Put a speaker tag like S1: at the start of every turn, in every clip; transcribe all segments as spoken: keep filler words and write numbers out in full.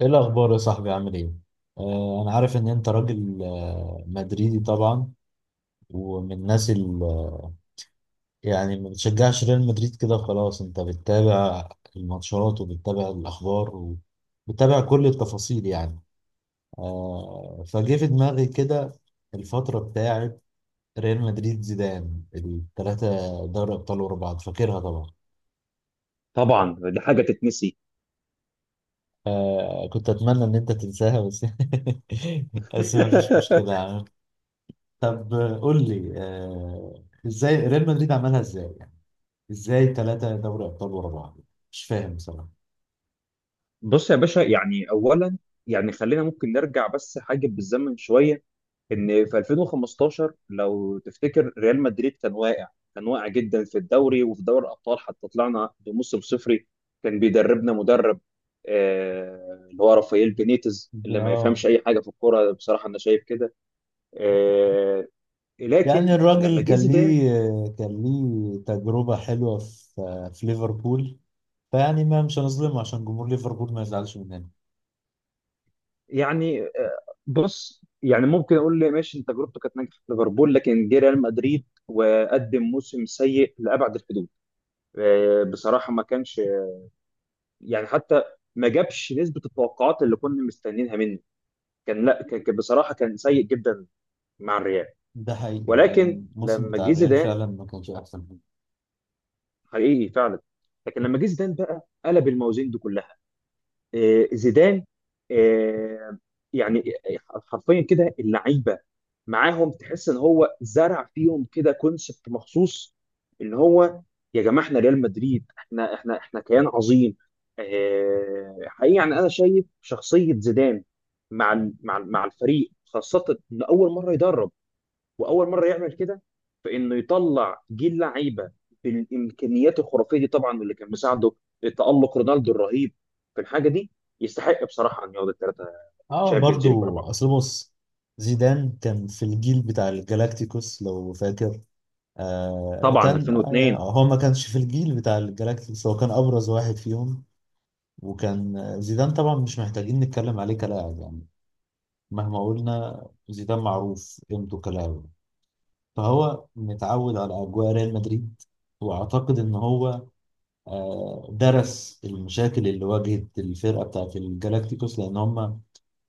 S1: ايه الاخبار يا صاحبي؟ عامل ايه؟ آه انا عارف ان انت راجل آه مدريدي طبعا. ومن الناس ال- آه، يعني ما بتشجعش ريال مدريد كده خلاص. انت بتتابع الماتشات وبتتابع الاخبار وبتتابع كل التفاصيل يعني. آه فجه في دماغي كده الفترة بتاعت ريال مدريد زيدان الثلاثة دوري ابطال ورا بعض، فاكرها طبعا.
S2: طبعا دي حاجه تتنسي.
S1: آه كنت اتمنى ان انت تنساها بس. بس ما فيش مشكلة يعني. طب قول لي، آه، ازاي ريال مدريد عملها؟ ازاي يعني؟ ازاي ثلاثة دوري ابطال ورا بعض؟ مش فاهم بصراحة.
S2: بص يا باشا، يعني اولا، يعني خلينا ممكن نرجع بس حاجه بالزمن شويه. ان في ألفين وخمستاشر لو تفتكر ريال مدريد كان واقع كان واقع جدا في الدوري وفي دوري الابطال، حتى طلعنا بموسم صفري. كان بيدربنا مدرب آه، اللي هو رافائيل بينيتز، اللي ما
S1: اه،
S2: يفهمش اي حاجه في الكوره، بصراحه انا شايف كده. آه،
S1: يعني
S2: لكن لما
S1: الراجل
S2: جه
S1: كان
S2: زيدان،
S1: ليه كان ليه تجربة حلوة في في ليفربول. فيعني ما مش هنظلمه عشان جمهور ليفربول ما يزعلش مننا.
S2: يعني آه، بص، يعني ممكن اقول لي ماشي انت تجربته كانت ناجحه في ليفربول، لكن جه ريال مدريد وقدم موسم سيء لابعد الحدود. آه، بصراحه ما كانش، يعني حتى ما جابش نسبه التوقعات اللي كنا مستنيينها منه. كان لا كان كان بصراحه كان سيء جدا مع الريال.
S1: ده حقيقي، هو
S2: ولكن
S1: الموسم
S2: لما
S1: بتاع
S2: جه
S1: الريال
S2: زيدان
S1: فعلا ما كانش احسن حاجة.
S2: حقيقي فعلا، لكن لما جه زيدان بقى قلب الموازين دي كلها. آه، زيدان، آه، يعني حرفيا كده اللعيبه معاهم، تحس ان هو زرع فيهم كده كونسبت مخصوص، اللي هو يا جماعه احنا ريال مدريد، احنا احنا احنا كيان عظيم. آه، حقيقي يعني انا شايف شخصيه زيدان مع ال- مع ال- مع الفريق خاصه ان اول مره يدرب واول مره يعمل كده، فانه يطلع جيل لعيبه بالامكانيات الخرافيه دي طبعا. واللي كان مساعده تالق رونالدو الرهيب في الحاجه دي، يستحق بصراحه ان ياخد الثلاثه
S1: اه
S2: تشامبيونز ليج ورا
S1: برضو،
S2: بعض.
S1: اصل بص، زيدان كان في الجيل بتاع الجالاكتيكوس لو فاكر. آه
S2: طبعا
S1: كان يعني
S2: ألفين واثنين.
S1: هو ما كانش في الجيل بتاع الجالاكتيكوس، هو كان أبرز واحد فيهم. وكان، آه، زيدان طبعا مش محتاجين نتكلم عليه كلاعب يعني. مهما قلنا، زيدان معروف قيمته كلاعب. فهو متعود على أجواء ريال مدريد. وأعتقد إن هو آه، درس المشاكل اللي واجهت الفرقة بتاعت الجالاكتيكوس، لأن هم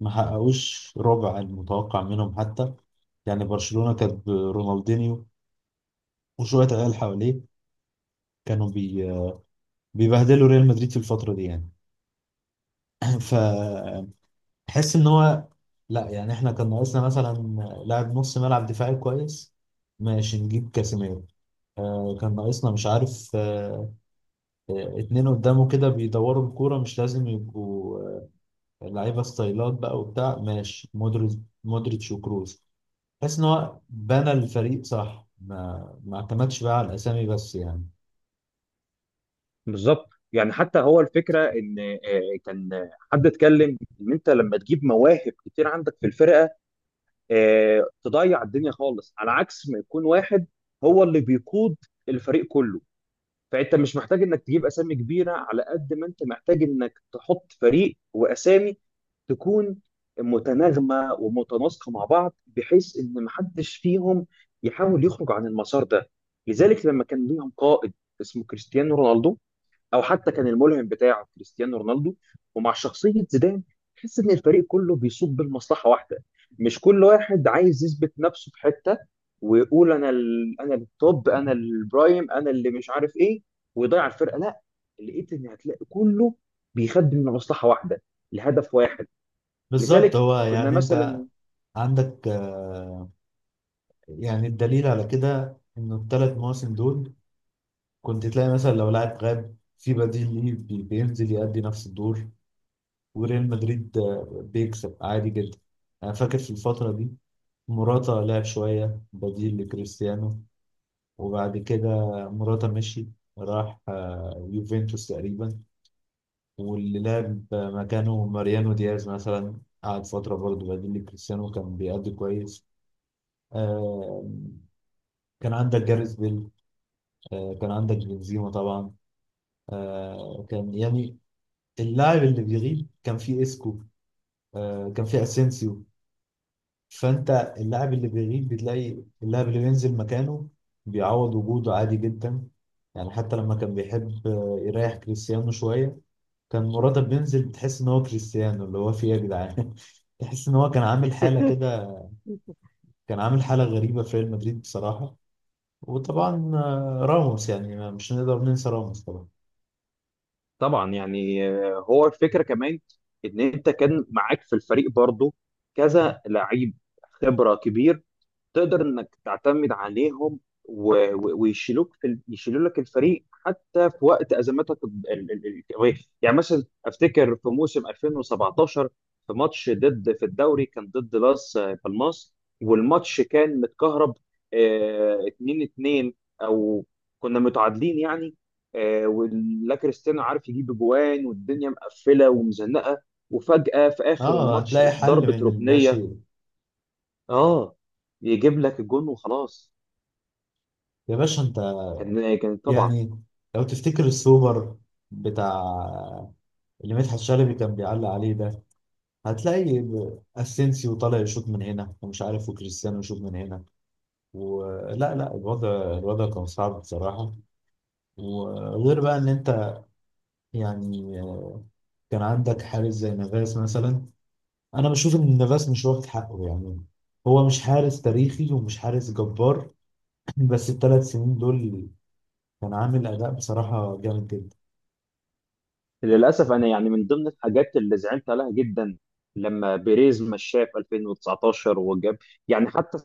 S1: ما حققوش ربع المتوقع منهم حتى. يعني برشلونة كانت برونالدينيو وشوية عيال حواليه كانوا بي بيبهدلوا ريال مدريد في الفترة دي يعني. فحس ان هو، لا يعني احنا كان ناقصنا مثلا لاعب نص ملعب دفاعي كويس، ماشي نجيب كاسيميرو. آه كان ناقصنا، مش عارف، آه اتنين قدامه كده بيدوروا الكورة، مش لازم يبقوا آه لعيبة ستايلات بقى وبتاع، ماشي مودريتش. مودريتش وكروز. حس ان هو بنى الفريق صح، ما ما اعتمدش بقى على الاسامي بس يعني.
S2: بالظبط، يعني حتى هو الفكره ان آه، كان آه، حد اتكلم ان انت لما تجيب مواهب كتير عندك في الفرقه، آه، تضيع الدنيا خالص، على عكس ما يكون واحد هو اللي بيقود الفريق كله. فانت مش محتاج انك تجيب اسامي كبيره على قد ما انت محتاج انك تحط فريق واسامي تكون متناغمه ومتناسقه مع بعض، بحيث ان محدش فيهم يحاول يخرج عن المسار ده. لذلك لما كان ليهم قائد اسمه كريستيانو رونالدو، او حتى كان الملهم بتاعه كريستيانو رونالدو، ومع شخصيه زيدان، تحس ان الفريق كله بيصب بالمصلحه واحده، مش كل واحد عايز يثبت نفسه في حته ويقول انا ال... انا التوب انا البرايم انا اللي مش عارف ايه ويضيع الفرقه. لا، لقيت ان هتلاقي كله بيخدم لمصلحه واحده، لهدف واحد.
S1: بالظبط،
S2: لذلك
S1: هو
S2: كنا
S1: يعني انت
S2: مثلا.
S1: عندك، آه، يعني الدليل على كده انه الثلاث مواسم دول كنت تلاقي مثلا لو لاعب غاب، في بديل ليه بي- بينزل يأدي نفس الدور وريال مدريد آه، بيكسب عادي جدا. انا فاكر في الفترة دي موراتا لعب شوية بديل لكريستيانو، وبعد كده موراتا مشي، راح آه، يوفنتوس تقريبا. واللي لعب مكانه ماريانو دياز مثلا قعد فترة برضه بديل لكريستيانو، كان بيأدي كويس. آه، كان عندك جاريث بيل، آه، كان عندك بنزيما طبعا. آه، كان يعني اللاعب اللي بيغيب كان فيه اسكو، آه، كان فيه اسينسيو. فانت اللاعب اللي بيغيب بتلاقي اللاعب اللي بينزل مكانه بيعوض وجوده عادي جدا. يعني حتى لما كان بيحب آه، يريح كريستيانو شوية، كان مراتب بينزل بتحس ان هو كريستيانو. اللي هو فيه إيه يا جدعان؟ تحس ان هو كان عامل حالة كده، كان عامل حالة غريبة في ريال مدريد بصراحة. وطبعا آه، راموس، يعني مش هنقدر ننسى راموس طبعا.
S2: طبعا، يعني آه، هو الفكره كمان ان انت كان معاك في الفريق برضو كذا لعيب خبره كبير، تقدر انك تعتمد عليهم و- و- ويشيلوك في ال- يشيلوا لك الفريق حتى في وقت ازماتك ال- ال- ال- الكرويه، يعني يعني مثلا افتكر في موسم ألفين وسبعتاشر، في ماتش ضد، في الدوري كان ضد لاس بالماس، والماتش كان متكهرب اتنين اتنين، او كنا متعادلين يعني. آه، ولا كريستيانو عارف يجيب جوان، والدنيا مقفله ومزنقه، وفجاه في اخر
S1: اه،
S2: الماتش
S1: هتلاقي
S2: في
S1: حل
S2: ضربه
S1: من اللا
S2: ركنيه.
S1: شيء.
S2: اه يجيب لك الجون وخلاص.
S1: يا باشا انت
S2: كان كان طبعا.
S1: يعني، لو تفتكر السوبر بتاع اللي مدحت شلبي كان بيعلق عليه ده، هتلاقي اسينسيو طالع يشوط من هنا ومش عارف، وكريستيانو يشوط من هنا. ولا لا لا، الوضع الوضع كان صعب بصراحة. وغير بقى ان انت، يعني آه، كان عندك حارس زي نافاس مثلا. انا بشوف ان نافاس مش واخد حقه يعني. هو مش حارس تاريخي ومش حارس جبار، بس الثلاث سنين دول كان عامل أداء بصراحة جامد جدا.
S2: للاسف انا يعني من ضمن الحاجات اللي زعلت عليها جدا لما بيريز مشاه في ألفين وتسعتاشر وجاب، يعني حتى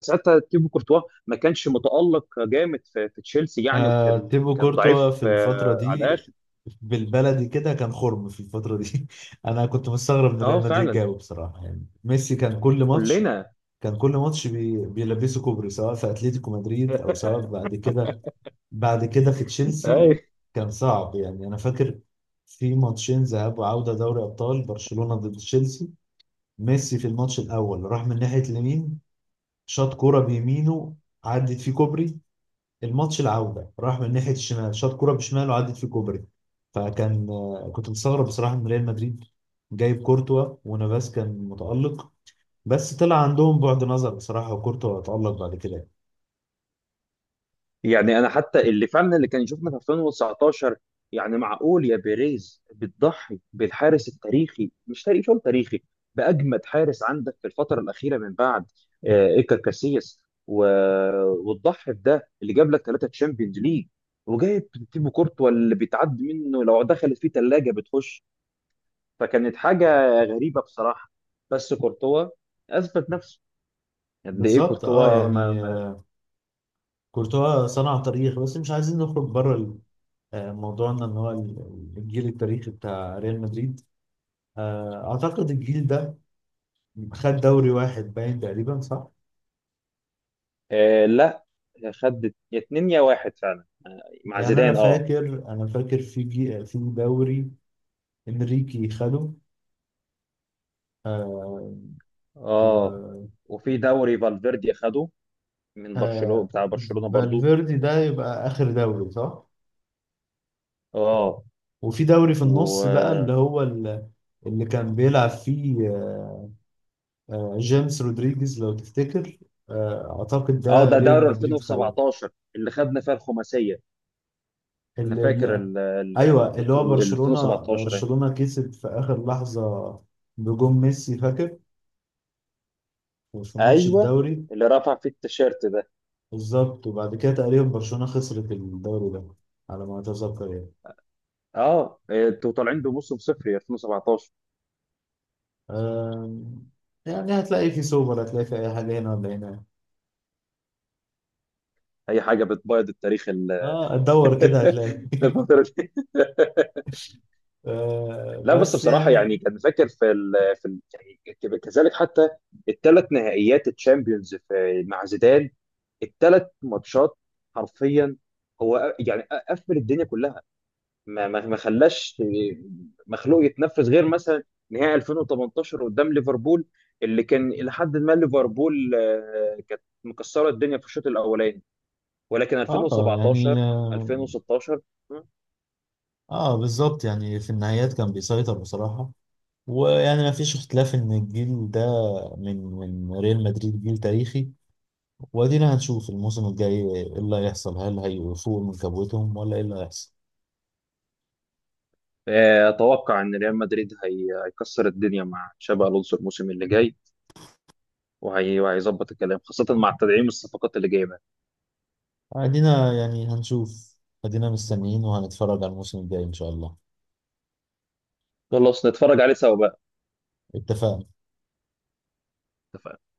S2: ساعتها تيبو كورتوا ما كانش متالق جامد في, في تشيلسي يعني،
S1: آه
S2: وكان
S1: تيبو
S2: كان
S1: كورتوا
S2: ضعيف
S1: في الفترة
S2: آه، على
S1: دي،
S2: الاخر.
S1: بالبلدي كده، كان خرم في الفترة دي. أنا كنت مستغرب إن
S2: اه
S1: ريال مدريد
S2: فعلا،
S1: جابه بصراحة. يعني ميسي كان كل ماتش،
S2: كلنا.
S1: كان كل ماتش بي بيلبسه كوبري سواء في أتلتيكو مدريد أو سواء بعد كده، بعد كده في تشيلسي. كان صعب يعني. أنا فاكر في ماتشين ذهاب وعودة دوري أبطال برشلونة ضد تشيلسي، ميسي في الماتش الأول راح من ناحية اليمين، شاط كرة بيمينه، عدت فيه كوبري. الماتش العودة راح من ناحية الشمال، شاط كرة بشماله وعدت في الكوبري. فكان، آه، كنت مستغرب بصراحة من ريال مدريد جايب كورتوا ونافاس كان متألق. بس طلع عندهم بعد نظر بصراحة، وكورتوا اتألق بعد كده.
S2: يعني انا حتى اللي فعلا اللي كان يشوفنا في ألفين وتسعتاشر، يعني معقول يا بيريز بتضحي بالحارس التاريخي، مش تاريخي شو تاريخي، باجمد حارس عندك في الفتره الاخيره من بعد آه، ايكر كاسياس، و... وتضحي بده اللي جاب لك ثلاثه تشامبيونز ليج، وجايب تيبو كورتوا اللي بيتعد منه لو دخلت فيه ثلاجه بتخش. فكانت حاجه غريبه بصراحه. بس كورتوا اثبت نفسه، قد ايه
S1: بالظبط، اه
S2: كورتوا ما...
S1: يعني
S2: ما...
S1: آه، كورتوا صنع تاريخ. بس مش عايزين نخرج بره ال- آه، موضوعنا ان هو ال- الجيل التاريخي بتاع ريال مدريد. آه، اعتقد الجيل ده خد دوري واحد باين تقريبا، صح؟
S2: آه لا، خد اتنين يا واحد فعلا مع
S1: يعني انا
S2: زيدان. اه.
S1: فاكر انا فاكر في جي... في دوري انريكي خده. آه
S2: اه
S1: و
S2: وفي دوري فالفيردي خده من برشلونة،
S1: آه
S2: بتاع برشلونة برضو.
S1: فالفيردي ده يبقى آخر دوري، صح؟
S2: اه.
S1: وفي دوري في
S2: و
S1: النص بقى اللي هو ال- اللي كان بيلعب فيه آه آه، جيمس رودريجيز لو تفتكر. آه أعتقد
S2: اه
S1: ده
S2: ده
S1: ريال
S2: دوري
S1: مدريد خده.
S2: ألفين وسبعتاشر اللي خدنا فيها الخماسية. انا
S1: ال-
S2: فاكر
S1: ال-
S2: ال ال
S1: ايوه،
S2: ال-
S1: اللي هو
S2: البطولة-
S1: برشلونة
S2: ألفين وسبعتاشر يعني.
S1: برشلونة كسب في اخر لحظة بجون ميسي، فاكر، في ماتش
S2: ايوه
S1: الدوري.
S2: اللي رفع فيه التيشيرت ده.
S1: بالظبط، وبعد كده تقريبا برشلونة خسرت الدوري ده على ما اتذكر يعني.
S2: اه انتوا طالعين بموسم صفري ألفين وسبعتاشر،
S1: آه يعني هتلاقي في سوبر، هتلاقي في أي حاجة هنا ولا هنا.
S2: اي حاجة بتبيض التاريخ ال-
S1: اه، تدور كده هتلاقي.
S2: الفترة دي.
S1: آه
S2: لا بس
S1: بس
S2: بصراحة،
S1: يعني
S2: يعني كان فاكر في ال في ال يعني كذلك حتى الثلاث نهائيات الشامبيونز في مع زيدان، الثلاث ماتشات، حرفيا هو أ- يعني أ- قفل الدنيا كلها، ما ما ما خلاش مخلوق يتنفس، غير مثلا نهائي ألفين وتمنتاشر قدام ليفربول، اللي كان إلى حد ما ليفربول آه، كانت مكسرة الدنيا في الشوط الأولاني، ولكن
S1: اه يعني
S2: ألفين وسبعة عشر
S1: اه،
S2: ألفين وستاشر.
S1: آه بالظبط يعني في النهايات كان بيسيطر بصراحة. ويعني ما فيش اختلاف ان الجيل ده من من ريال مدريد جيل تاريخي. وادينا هنشوف الموسم الجاي ايه اللي هيحصل، هل هيفوقوا من كبوتهم ولا ايه اللي هيحصل؟
S2: اتوقع ان ريال مدريد هي- هيكسر الدنيا مع تشابي الونسو الموسم اللي جاي، وهي- وهيظبط الكلام، خاصه مع تدعيم الصفقات اللي جايبها.
S1: ادينا يعني هنشوف، ادينا مستنيين وهنتفرج على الموسم الجاي ان شاء الله.
S2: خلاص نتفرج عليه سوا بقى.
S1: اتفقنا.
S2: اتفقنا.